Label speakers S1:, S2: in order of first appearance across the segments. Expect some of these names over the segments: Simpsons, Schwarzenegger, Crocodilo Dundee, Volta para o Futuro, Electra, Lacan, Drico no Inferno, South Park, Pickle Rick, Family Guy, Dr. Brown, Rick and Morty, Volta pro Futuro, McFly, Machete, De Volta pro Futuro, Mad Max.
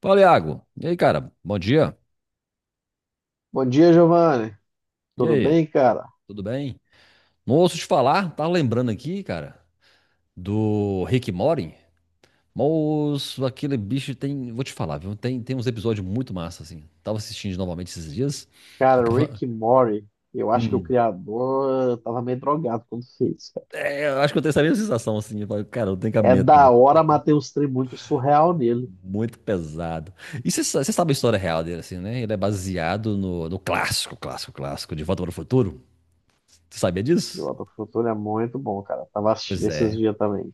S1: Fala, Iago. E aí, cara? Bom dia.
S2: Bom dia, Giovanni.
S1: E
S2: Tudo
S1: aí?
S2: bem, cara?
S1: Tudo bem? Não ouço te falar, tá lembrando aqui, cara, do Rick and Morty. Moço, aquele bicho tem. Vou te falar, viu? Tem uns episódios muito massa, assim. Tava assistindo novamente esses dias.
S2: Cara,
S1: Tava.
S2: Rick e Morty, eu acho que o
S1: Hum.
S2: criador tava meio drogado quando fez, cara.
S1: É, eu acho que eu tenho essa mesma sensação, assim. Eu falei, cara, não tem
S2: É
S1: cabimento,
S2: da
S1: não.
S2: hora, mas tem uns trem muito surreal nele.
S1: Muito pesado. E você sabe a história real dele, assim, né? Ele é baseado no clássico, clássico, clássico de Volta para o Futuro. Você sabia
S2: E o
S1: disso?
S2: Volta pro Futuro é muito bom, cara. Tava assistindo
S1: Pois
S2: esses
S1: é.
S2: dias também.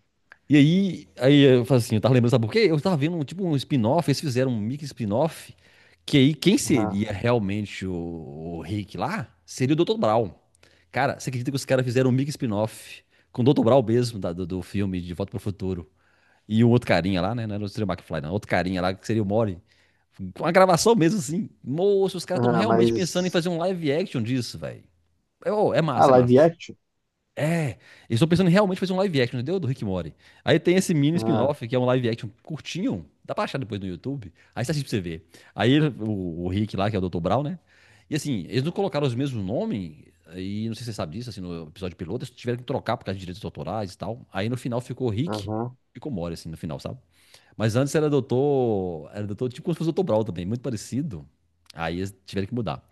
S1: E aí, eu falo assim, eu tava lembrando, sabe por quê? Eu tava vendo um, tipo um spin-off, eles fizeram um mix spin-off, que aí quem
S2: Aham,
S1: seria realmente o Rick lá seria o Dr. Brown. Cara, você acredita que os caras fizeram um mix spin-off com o Dr. Brown mesmo, do filme De Volta pro Futuro. E um outro carinha lá, né? Não era o Sr. McFly, não. Outro carinha lá que seria o Mori. Com a gravação mesmo, assim. Moço, os caras estão
S2: aham,
S1: realmente pensando em
S2: mas...
S1: fazer um live action disso, velho. É, ô, é
S2: Ah,
S1: massa, é
S2: live
S1: massa.
S2: action?
S1: É, eles estão pensando em realmente fazer um live action, entendeu? Do Rick e Morty. Aí tem esse mini
S2: Aham,
S1: spin-off, que é um live action curtinho, dá pra achar depois no YouTube. Aí você assiste pra você ver. Aí o Rick lá, que é o Dr. Brown, né? E assim, eles não colocaram os mesmos nomes, e não sei se você sabe disso, assim, no episódio piloto, eles tiveram que trocar por causa de direitos autorais e tal. Aí no final ficou Rick,
S2: aham.
S1: ficou Morty, assim, no final, sabe? Mas antes era doutor, tipo como se fosse o Dr. Brown também, muito parecido. Aí eles tiveram que mudar.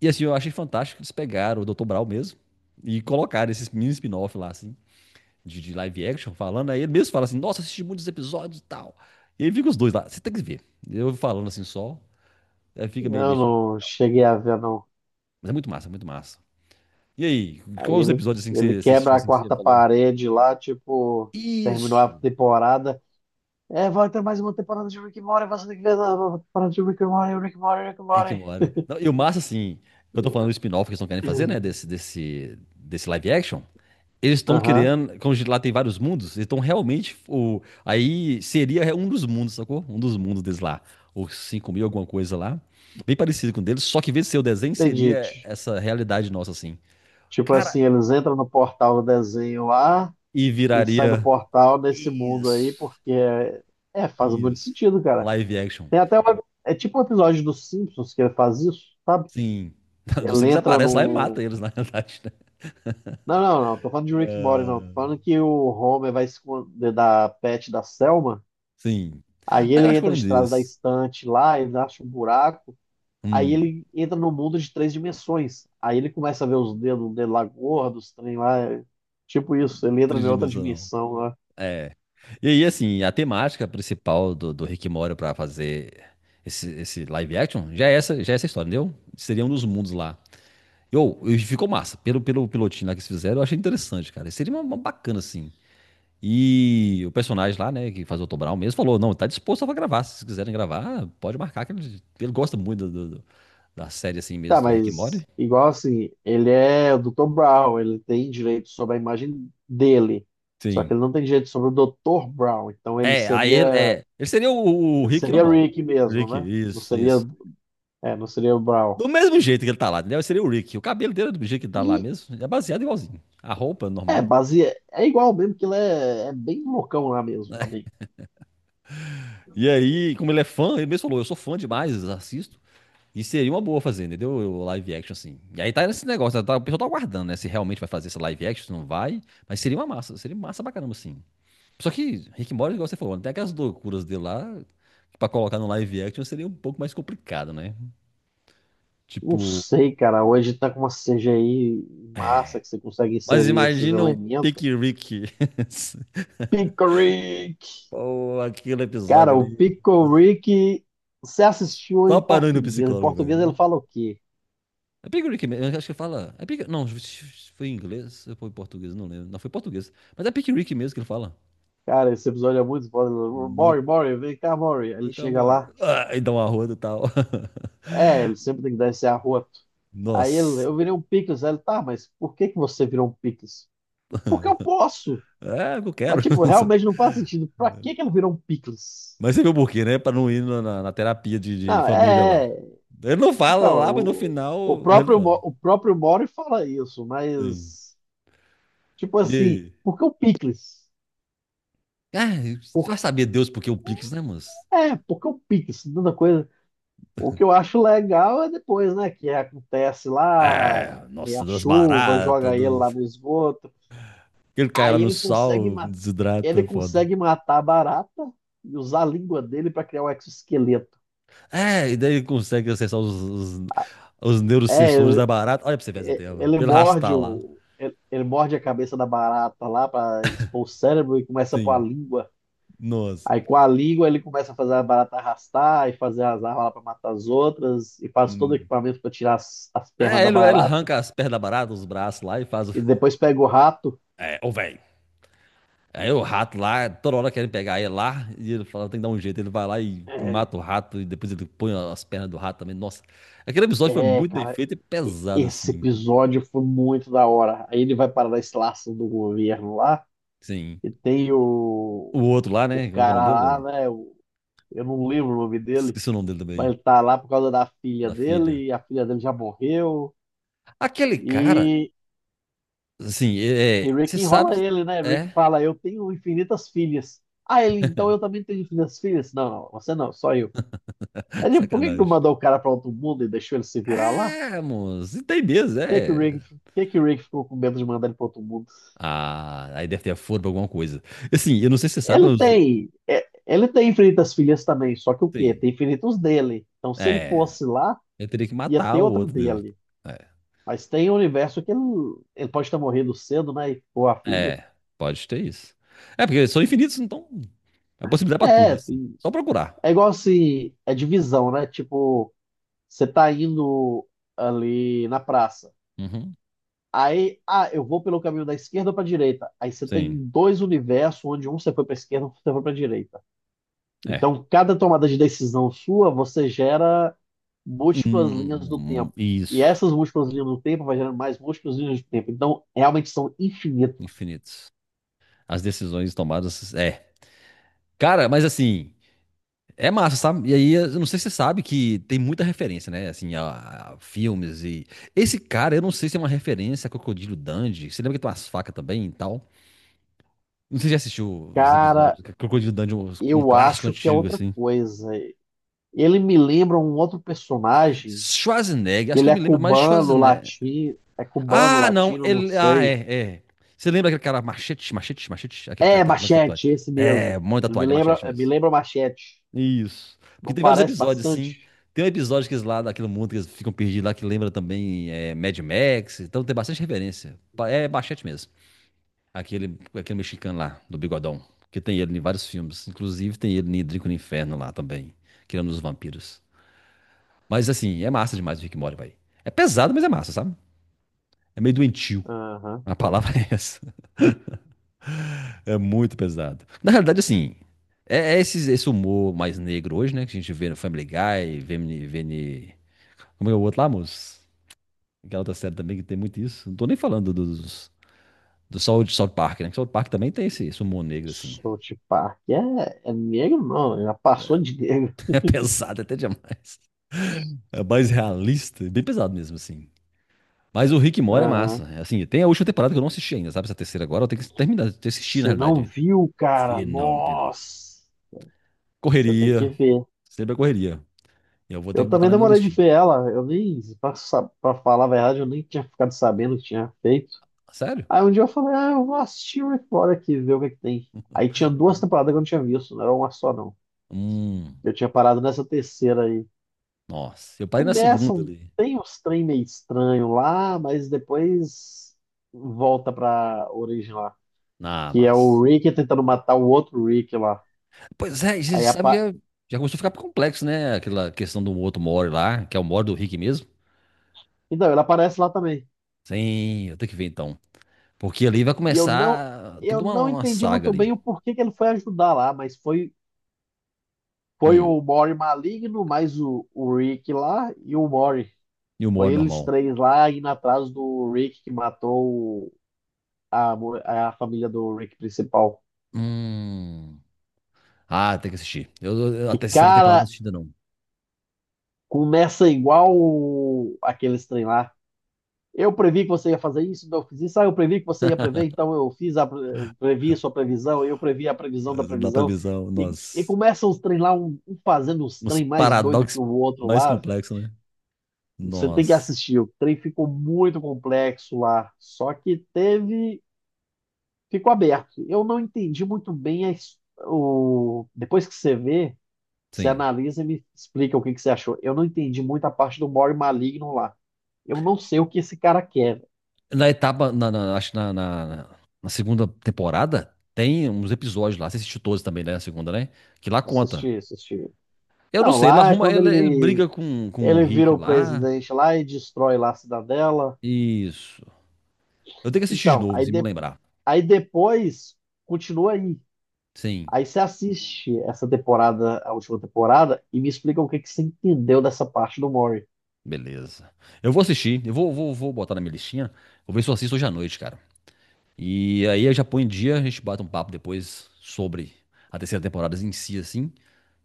S1: E assim, eu achei fantástico que eles pegaram o Dr. Brau mesmo e colocaram esses mini spin-off lá, assim, de live action, falando. Aí ele mesmo fala assim: Nossa, assisti muitos episódios e tal. E aí fica os dois lá, você tem que ver. Eu falando assim só, aí fica meio,
S2: Eu
S1: meio.
S2: não cheguei a ver, não.
S1: Mas é muito massa, muito massa. E aí,
S2: Aí
S1: quais os
S2: ele,
S1: episódios assim que
S2: ele
S1: você assistiu,
S2: quebra a
S1: assim, que você
S2: quarta
S1: falou?
S2: parede lá, tipo... Terminou
S1: Isso!
S2: a temporada. É, vai ter mais uma temporada de Rick and Morty, vai ser que ver a nova temporada de Rick and Morty, Rick and Morty, Rick and
S1: É que
S2: Morty.
S1: mora. Não, e o massa, assim, eu tô falando do spin-off que eles não querem fazer, né? Desse live action. Eles estão
S2: Aham,
S1: criando, como lá tem vários mundos, eles estão realmente. O, aí seria um dos mundos, sacou? Um dos mundos deles lá. Ou 5 mil, alguma coisa lá. Bem parecido com o deles, só que em vez de ser o desenho,
S2: entendi.
S1: seria essa realidade nossa, assim.
S2: Tipo
S1: Cara,
S2: assim, eles entram no portal do desenho lá
S1: e
S2: e saem do
S1: viraria.
S2: portal nesse mundo aí,
S1: Isso.
S2: porque faz muito
S1: Isso.
S2: sentido,
S1: Um
S2: cara.
S1: Live action.
S2: Tem até uma, é tipo um episódio dos Simpsons que ele faz isso, sabe?
S1: Sim. Do
S2: Ele
S1: Simples
S2: entra
S1: aparece lá e mata
S2: no.
S1: eles, na realidade, né?
S2: Não, não, não, tô falando de Rick and Morty, não. Tô falando que o Homer vai esconder da pet da Selma.
S1: Sim.
S2: Aí
S1: Ah,
S2: ele
S1: eu acho que eu
S2: entra de
S1: lembro
S2: trás da
S1: desse.
S2: estante lá, ele acha um buraco. Aí
S1: Hum,
S2: ele entra no mundo de três dimensões. Aí ele começa a ver os dedos dele lá gordos, os trem lá. Tipo isso, ele entra em outra
S1: tridimensional.
S2: dimensão lá.
S1: É. E aí, assim, a temática principal do Rick e Morty pra fazer esse live action já é essa história, entendeu? Seria um dos mundos lá. Eu, e ficou massa. Pelo pilotinho lá que eles fizeram, eu achei interessante, cara. Seria uma bacana, assim. E o personagem lá, né, que faz o Otto Brown mesmo, falou: não, tá disposto a gravar. Se vocês quiserem gravar, pode marcar, que ele gosta muito do da série, assim
S2: Tá,
S1: mesmo, do Rick e Morty.
S2: mas igual assim, ele é o Dr. Brown, ele tem direito sobre a imagem dele. Só que
S1: Sim.
S2: ele não tem direito sobre o Dr. Brown, então ele
S1: É, aí ele,
S2: seria
S1: é, ele seria o
S2: ele
S1: Rick
S2: seria
S1: normal.
S2: Rick mesmo,
S1: Rick,
S2: né? Não
S1: isso,
S2: seria,
S1: isso.
S2: não seria o Brown.
S1: Do mesmo jeito que ele tá lá, entendeu? Seria o Rick. O cabelo dele é do jeito que ele tá lá
S2: E
S1: mesmo. É baseado igualzinho. A roupa
S2: é,
S1: normal.
S2: base é igual mesmo que ele é, é bem loucão lá mesmo
S1: Né?
S2: também.
S1: E aí, como ele é fã, ele mesmo falou: eu sou fã demais, assisto. E seria uma boa fazer, entendeu? O live action, assim. E aí tá nesse negócio, tá, o pessoal tá aguardando, né? Se realmente vai fazer esse live action, se não vai. Mas seria uma massa, seria massa pra caramba, assim. Só que Rick and Morty, igual você falou, né, tem aquelas loucuras dele lá, que pra colocar no live action seria um pouco mais complicado, né?
S2: Não
S1: Tipo,
S2: sei, cara. Hoje tá com uma CGI massa que você consegue
S1: mas
S2: inserir esses
S1: imagina o Pick
S2: elementos.
S1: Rick.
S2: Pickle Rick!
S1: Ou aquele
S2: Cara,
S1: episódio
S2: o
S1: ali.
S2: Pickle Rick, você assistiu
S1: Só
S2: em
S1: parou no
S2: português. Em
S1: psicólogo,
S2: português ele
S1: velho.
S2: fala o quê?
S1: É Big Rick mesmo, eu acho que fala. É Big... Não, foi em inglês ou foi em português, não lembro. Não, foi em português. Mas é Big Rick mesmo que ele fala.
S2: Cara, esse episódio é muito foda. Mori,
S1: Muito.
S2: Mori, vem cá, Mori. Ele
S1: Vem cá,
S2: chega
S1: mole.
S2: lá.
S1: Ah, e dá uma roda e tal.
S2: É, ele sempre tem que dar esse arroto. Aí ele,
S1: Nossa.
S2: eu virei um picles. Aí ele, tá, mas por que que você virou um picles? Porque eu posso.
S1: É, eu
S2: Mas,
S1: quero.
S2: tipo, realmente não faz sentido. Pra que que ele virou um picles?
S1: Mas você viu por quê, né? Pra não ir na terapia de
S2: Não,
S1: família lá.
S2: é. É.
S1: Ele não fala
S2: Então,
S1: lá, mas no
S2: o
S1: final ele
S2: próprio,
S1: fala.
S2: O próprio Mori fala isso,
S1: Sim.
S2: mas, tipo
S1: E
S2: assim,
S1: aí?
S2: por que o picles?
S1: Ah, vai saber Deus porque o Pix, né, moço?
S2: É, por que o picles? Tanta coisa. O que eu acho legal é depois, né? Que acontece lá,
S1: É,
S2: vem a
S1: nossa, das
S2: chuva,
S1: baratas,
S2: joga ele lá
S1: dos...
S2: no esgoto.
S1: Ele cai lá
S2: Aí
S1: no
S2: ele consegue
S1: sal, desidrata,
S2: Ele
S1: é foda.
S2: consegue matar a barata e usar a língua dele para criar um exoesqueleto.
S1: É, e daí ele consegue acessar os, os
S2: É,
S1: neurosensores da barata. Olha pra você ver essa
S2: é,
S1: tela.
S2: ele
S1: Pelo
S2: morde
S1: arrastar lá.
S2: o, ele, ele morde a cabeça da barata lá para expor o cérebro e começa a pôr a
S1: Sim,
S2: língua.
S1: nossa.
S2: Aí com a língua ele começa a fazer a barata arrastar e fazer as armas lá para matar as outras e faz todo o
S1: Hum.
S2: equipamento para tirar as pernas
S1: É,
S2: da
S1: ele
S2: barata
S1: arranca as pernas da barata, os braços lá e faz o...
S2: e depois pega o rato.
S1: É, ô velho. Aí o rato lá, toda hora querem pegar ele lá, e ele fala, tem que dar um jeito. Ele vai lá e
S2: É,
S1: mata o rato, e depois ele põe as pernas do rato também. Nossa, aquele episódio foi muito bem
S2: cara,
S1: feito e pesado,
S2: esse
S1: assim.
S2: episódio foi muito da hora. Aí ele vai para a instalação do governo lá
S1: Sim.
S2: e tem o
S1: O outro lá,
S2: o
S1: né? Como é que é o nome
S2: cara lá,
S1: dele?
S2: né? Eu não lembro o nome dele,
S1: Esqueci o nome dele
S2: mas
S1: também,
S2: ele tá lá por causa da filha
S1: da filha.
S2: dele, e a filha dele já morreu.
S1: Aquele cara,
S2: E,
S1: assim, é,
S2: e
S1: é, você
S2: Rick
S1: sabe
S2: enrola
S1: que
S2: ele, né? Rick
S1: é
S2: fala: Eu tenho infinitas filhas. Ah, ele, então eu também tenho infinitas filhas? Não, não, você não, só eu. Aí, tipo, por que que não
S1: sacanagem.
S2: mandou o cara pra outro mundo e deixou ele se virar lá?
S1: É, moço, e tem mesmo,
S2: Por que que o
S1: é.
S2: Rick, por que que o Rick ficou com medo de mandar ele pra outro mundo?
S1: Ah, aí deve ter a furo pra alguma coisa. Assim, eu não sei se você sabe,
S2: Ele
S1: mas,
S2: tem, é, ele tem infinitas filhas também, só que o quê?
S1: sim,
S2: Tem infinitos dele. Então, se ele
S1: é,
S2: fosse lá,
S1: eu teria que
S2: ia
S1: matar
S2: ter
S1: o
S2: outro
S1: outro dele.
S2: dele. Mas tem um universo que ele pode ter morrido cedo, né? E- Ou a
S1: É,
S2: filha.
S1: é, pode ter isso. É, porque eles são infinitos, então, a possibilidade pra tudo,
S2: É,
S1: assim.
S2: tem-
S1: Só procurar.
S2: é igual assim, é divisão, né? Tipo, você tá indo ali na praça.
S1: Uhum,
S2: Aí, ah, eu vou pelo caminho da esquerda ou pra direita. Aí você tem
S1: sim,
S2: dois universos, onde um você foi pra esquerda, um você foi pra direita.
S1: é.
S2: Então, cada tomada de decisão sua, você gera múltiplas linhas do tempo. E
S1: Isso,
S2: essas múltiplas linhas do tempo vai gerando mais múltiplas linhas do tempo. Então, realmente são infinitos.
S1: infinitos. As decisões tomadas. É. Cara, mas assim, é massa, sabe? E aí, eu não sei se você sabe que tem muita referência, né? Assim, a filmes e. Esse cara, eu não sei se é uma referência a Crocodilo Dundee. Você lembra que tem umas facas também e tal? Não sei se já assistiu os episódios
S2: Cara,
S1: do Crocodilo Dundee, um
S2: eu
S1: clássico
S2: acho que é
S1: antigo,
S2: outra
S1: assim.
S2: coisa. Ele me lembra um outro personagem.
S1: Schwarzenegger, acho que
S2: Ele é
S1: ele me lembra mais de
S2: cubano,
S1: Schwarzenegger.
S2: latino. É cubano,
S1: Ah, não.
S2: latino, não
S1: Ele... Ah,
S2: sei.
S1: é, é. Você lembra aquele cara machete, machete, machete? Aquele cara que
S2: É,
S1: tá com um monte de tatuagem.
S2: Machete, esse
S1: É,
S2: mesmo.
S1: um monte de
S2: Ele
S1: tatuagem, é machete mesmo.
S2: me lembra Machete.
S1: Isso. Porque
S2: Não
S1: tem vários
S2: parece
S1: episódios,
S2: bastante?
S1: assim. Tem um episódio que eles lá, daquele mundo que eles ficam perdidos lá, que lembra também é, Mad Max. Então tem bastante referência. Pa- É Bachete mesmo. Aquele, aquele mexicano lá, do Bigodão. Que tem ele em vários filmes. Inclusive tem ele em Drico no Inferno lá também. Que é um dos vampiros. Mas assim, é massa demais o Rick and Morty, velho. É pesado, mas é massa, sabe? É meio doentio.
S2: Aham.
S1: A palavra é essa. É muito pesado. Na realidade, assim, é, é esse, humor mais negro hoje, né? Que a gente vê no Family Guy, vê, em- como é o outro lá, moço? Aquela outra série também que tem muito isso. Não tô nem falando dos, do South Park, né? Que South Park também tem esse humor negro, assim.
S2: South Park. É, é negro, não. Já passou de negro.
S1: É pesado até demais. É mais realista, bem pesado mesmo, assim. Mas o Rick Mora é
S2: Aham.
S1: massa. É assim, tem a última temporada que eu não assisti ainda, sabe? Essa terceira agora, eu tenho que terminar de assistir, na
S2: Você não
S1: realidade.
S2: viu, cara?
S1: Vi não, vi não.
S2: Nossa! Você tem que
S1: Correria,
S2: ver.
S1: sempre a correria. Eu vou ter
S2: Eu
S1: que botar
S2: também
S1: na minha
S2: demorei de
S1: listinha.
S2: ver ela. Eu nem, pra, sa- pra falar a verdade, eu nem tinha ficado sabendo que tinha feito.
S1: Sério?
S2: Aí um dia eu falei, ah, eu vou assistir Rick Mora aqui, ver o que que tem. Aí tinha duas temporadas que eu não tinha visto, não era uma só não.
S1: Hum,
S2: Eu tinha parado nessa terceira aí.
S1: nossa. Eu parei na segunda
S2: Começam,
S1: ali.
S2: tem uns trem meio estranho lá, mas depois volta pra origem lá.
S1: Ah,
S2: Que é o
S1: mas...
S2: Rick tentando matar o outro Rick lá.
S1: Pois é, e você
S2: Aí
S1: sabe que
S2: apa...
S1: já, já começou a ficar complexo, né? Aquela questão do outro Mori lá, que é o Mori do Rick mesmo.
S2: Então, ele aparece lá também.
S1: Sim, eu tenho que ver então. Porque ali vai
S2: E eu não,
S1: começar toda
S2: eu
S1: uma,
S2: não
S1: uma
S2: entendi
S1: saga
S2: muito
S1: ali.
S2: bem o porquê que ele foi ajudar lá, mas foi
S1: Hum,
S2: o Mori maligno, mais o Rick lá e o Mori.
S1: e o
S2: Foi
S1: Mori
S2: eles
S1: normal.
S2: três lá indo atrás do Rick que matou a família do Rick principal.
S1: Hum. Ah, tem que assistir. A
S2: E,
S1: terceira
S2: cara,
S1: temporada não assisti ainda não.
S2: começa igual o- aqueles trem lá. Eu previ que você ia fazer isso, então eu fiz isso. Ah, eu previ que você ia prever, então eu fiz a previ a sua previsão, eu previ a previsão da
S1: Mas não dá pra
S2: previsão.
S1: avisar
S2: E
S1: nós,
S2: começa os trem lá, um fazendo os
S1: uns
S2: trem mais doido que
S1: paradoxos
S2: o outro
S1: mais
S2: lá, velho.
S1: complexos, né?
S2: Você tem que
S1: Nós,
S2: assistir. O trem ficou muito complexo lá. Só que teve ficou aberto. Eu não entendi muito bem a Depois que você vê, você
S1: sim.
S2: analisa e me explica o que que você achou. Eu não entendi muito a parte do More Maligno lá. Eu não sei o que esse cara quer.
S1: Na etapa, acho que na segunda temporada, tem uns episódios lá. Você assistiu todos também, né? A segunda, né? Que lá conta.
S2: Assistir, assistir.
S1: Eu não
S2: Não,
S1: sei, ele
S2: lá é
S1: arruma,
S2: quando
S1: ele
S2: ele
S1: briga com o
S2: ele vira
S1: Rick
S2: o
S1: lá.
S2: presidente lá e destrói lá a cidadela.
S1: Isso. Eu tenho que assistir de
S2: Então,
S1: novo,
S2: aí,
S1: assim, me lembrar.
S2: aí depois continua aí.
S1: Sim,
S2: Aí você assiste essa temporada, a última temporada, e me explica o que que você entendeu dessa parte do Mori.
S1: beleza. Eu vou assistir, eu vou, vou botar na minha listinha. Vou ver se eu assisto hoje à noite, cara. E aí eu já põe em dia, a gente bate um papo depois sobre a terceira temporada em si, assim,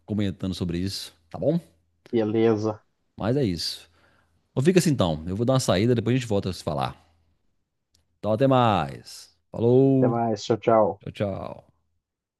S1: comentando sobre isso, tá bom?
S2: Beleza.
S1: Mas é isso. Então fica assim então, eu vou dar uma saída, depois a gente volta a se falar. Então até mais.
S2: Até
S1: Falou,
S2: mais. Tchau, tchau.
S1: tchau, tchau.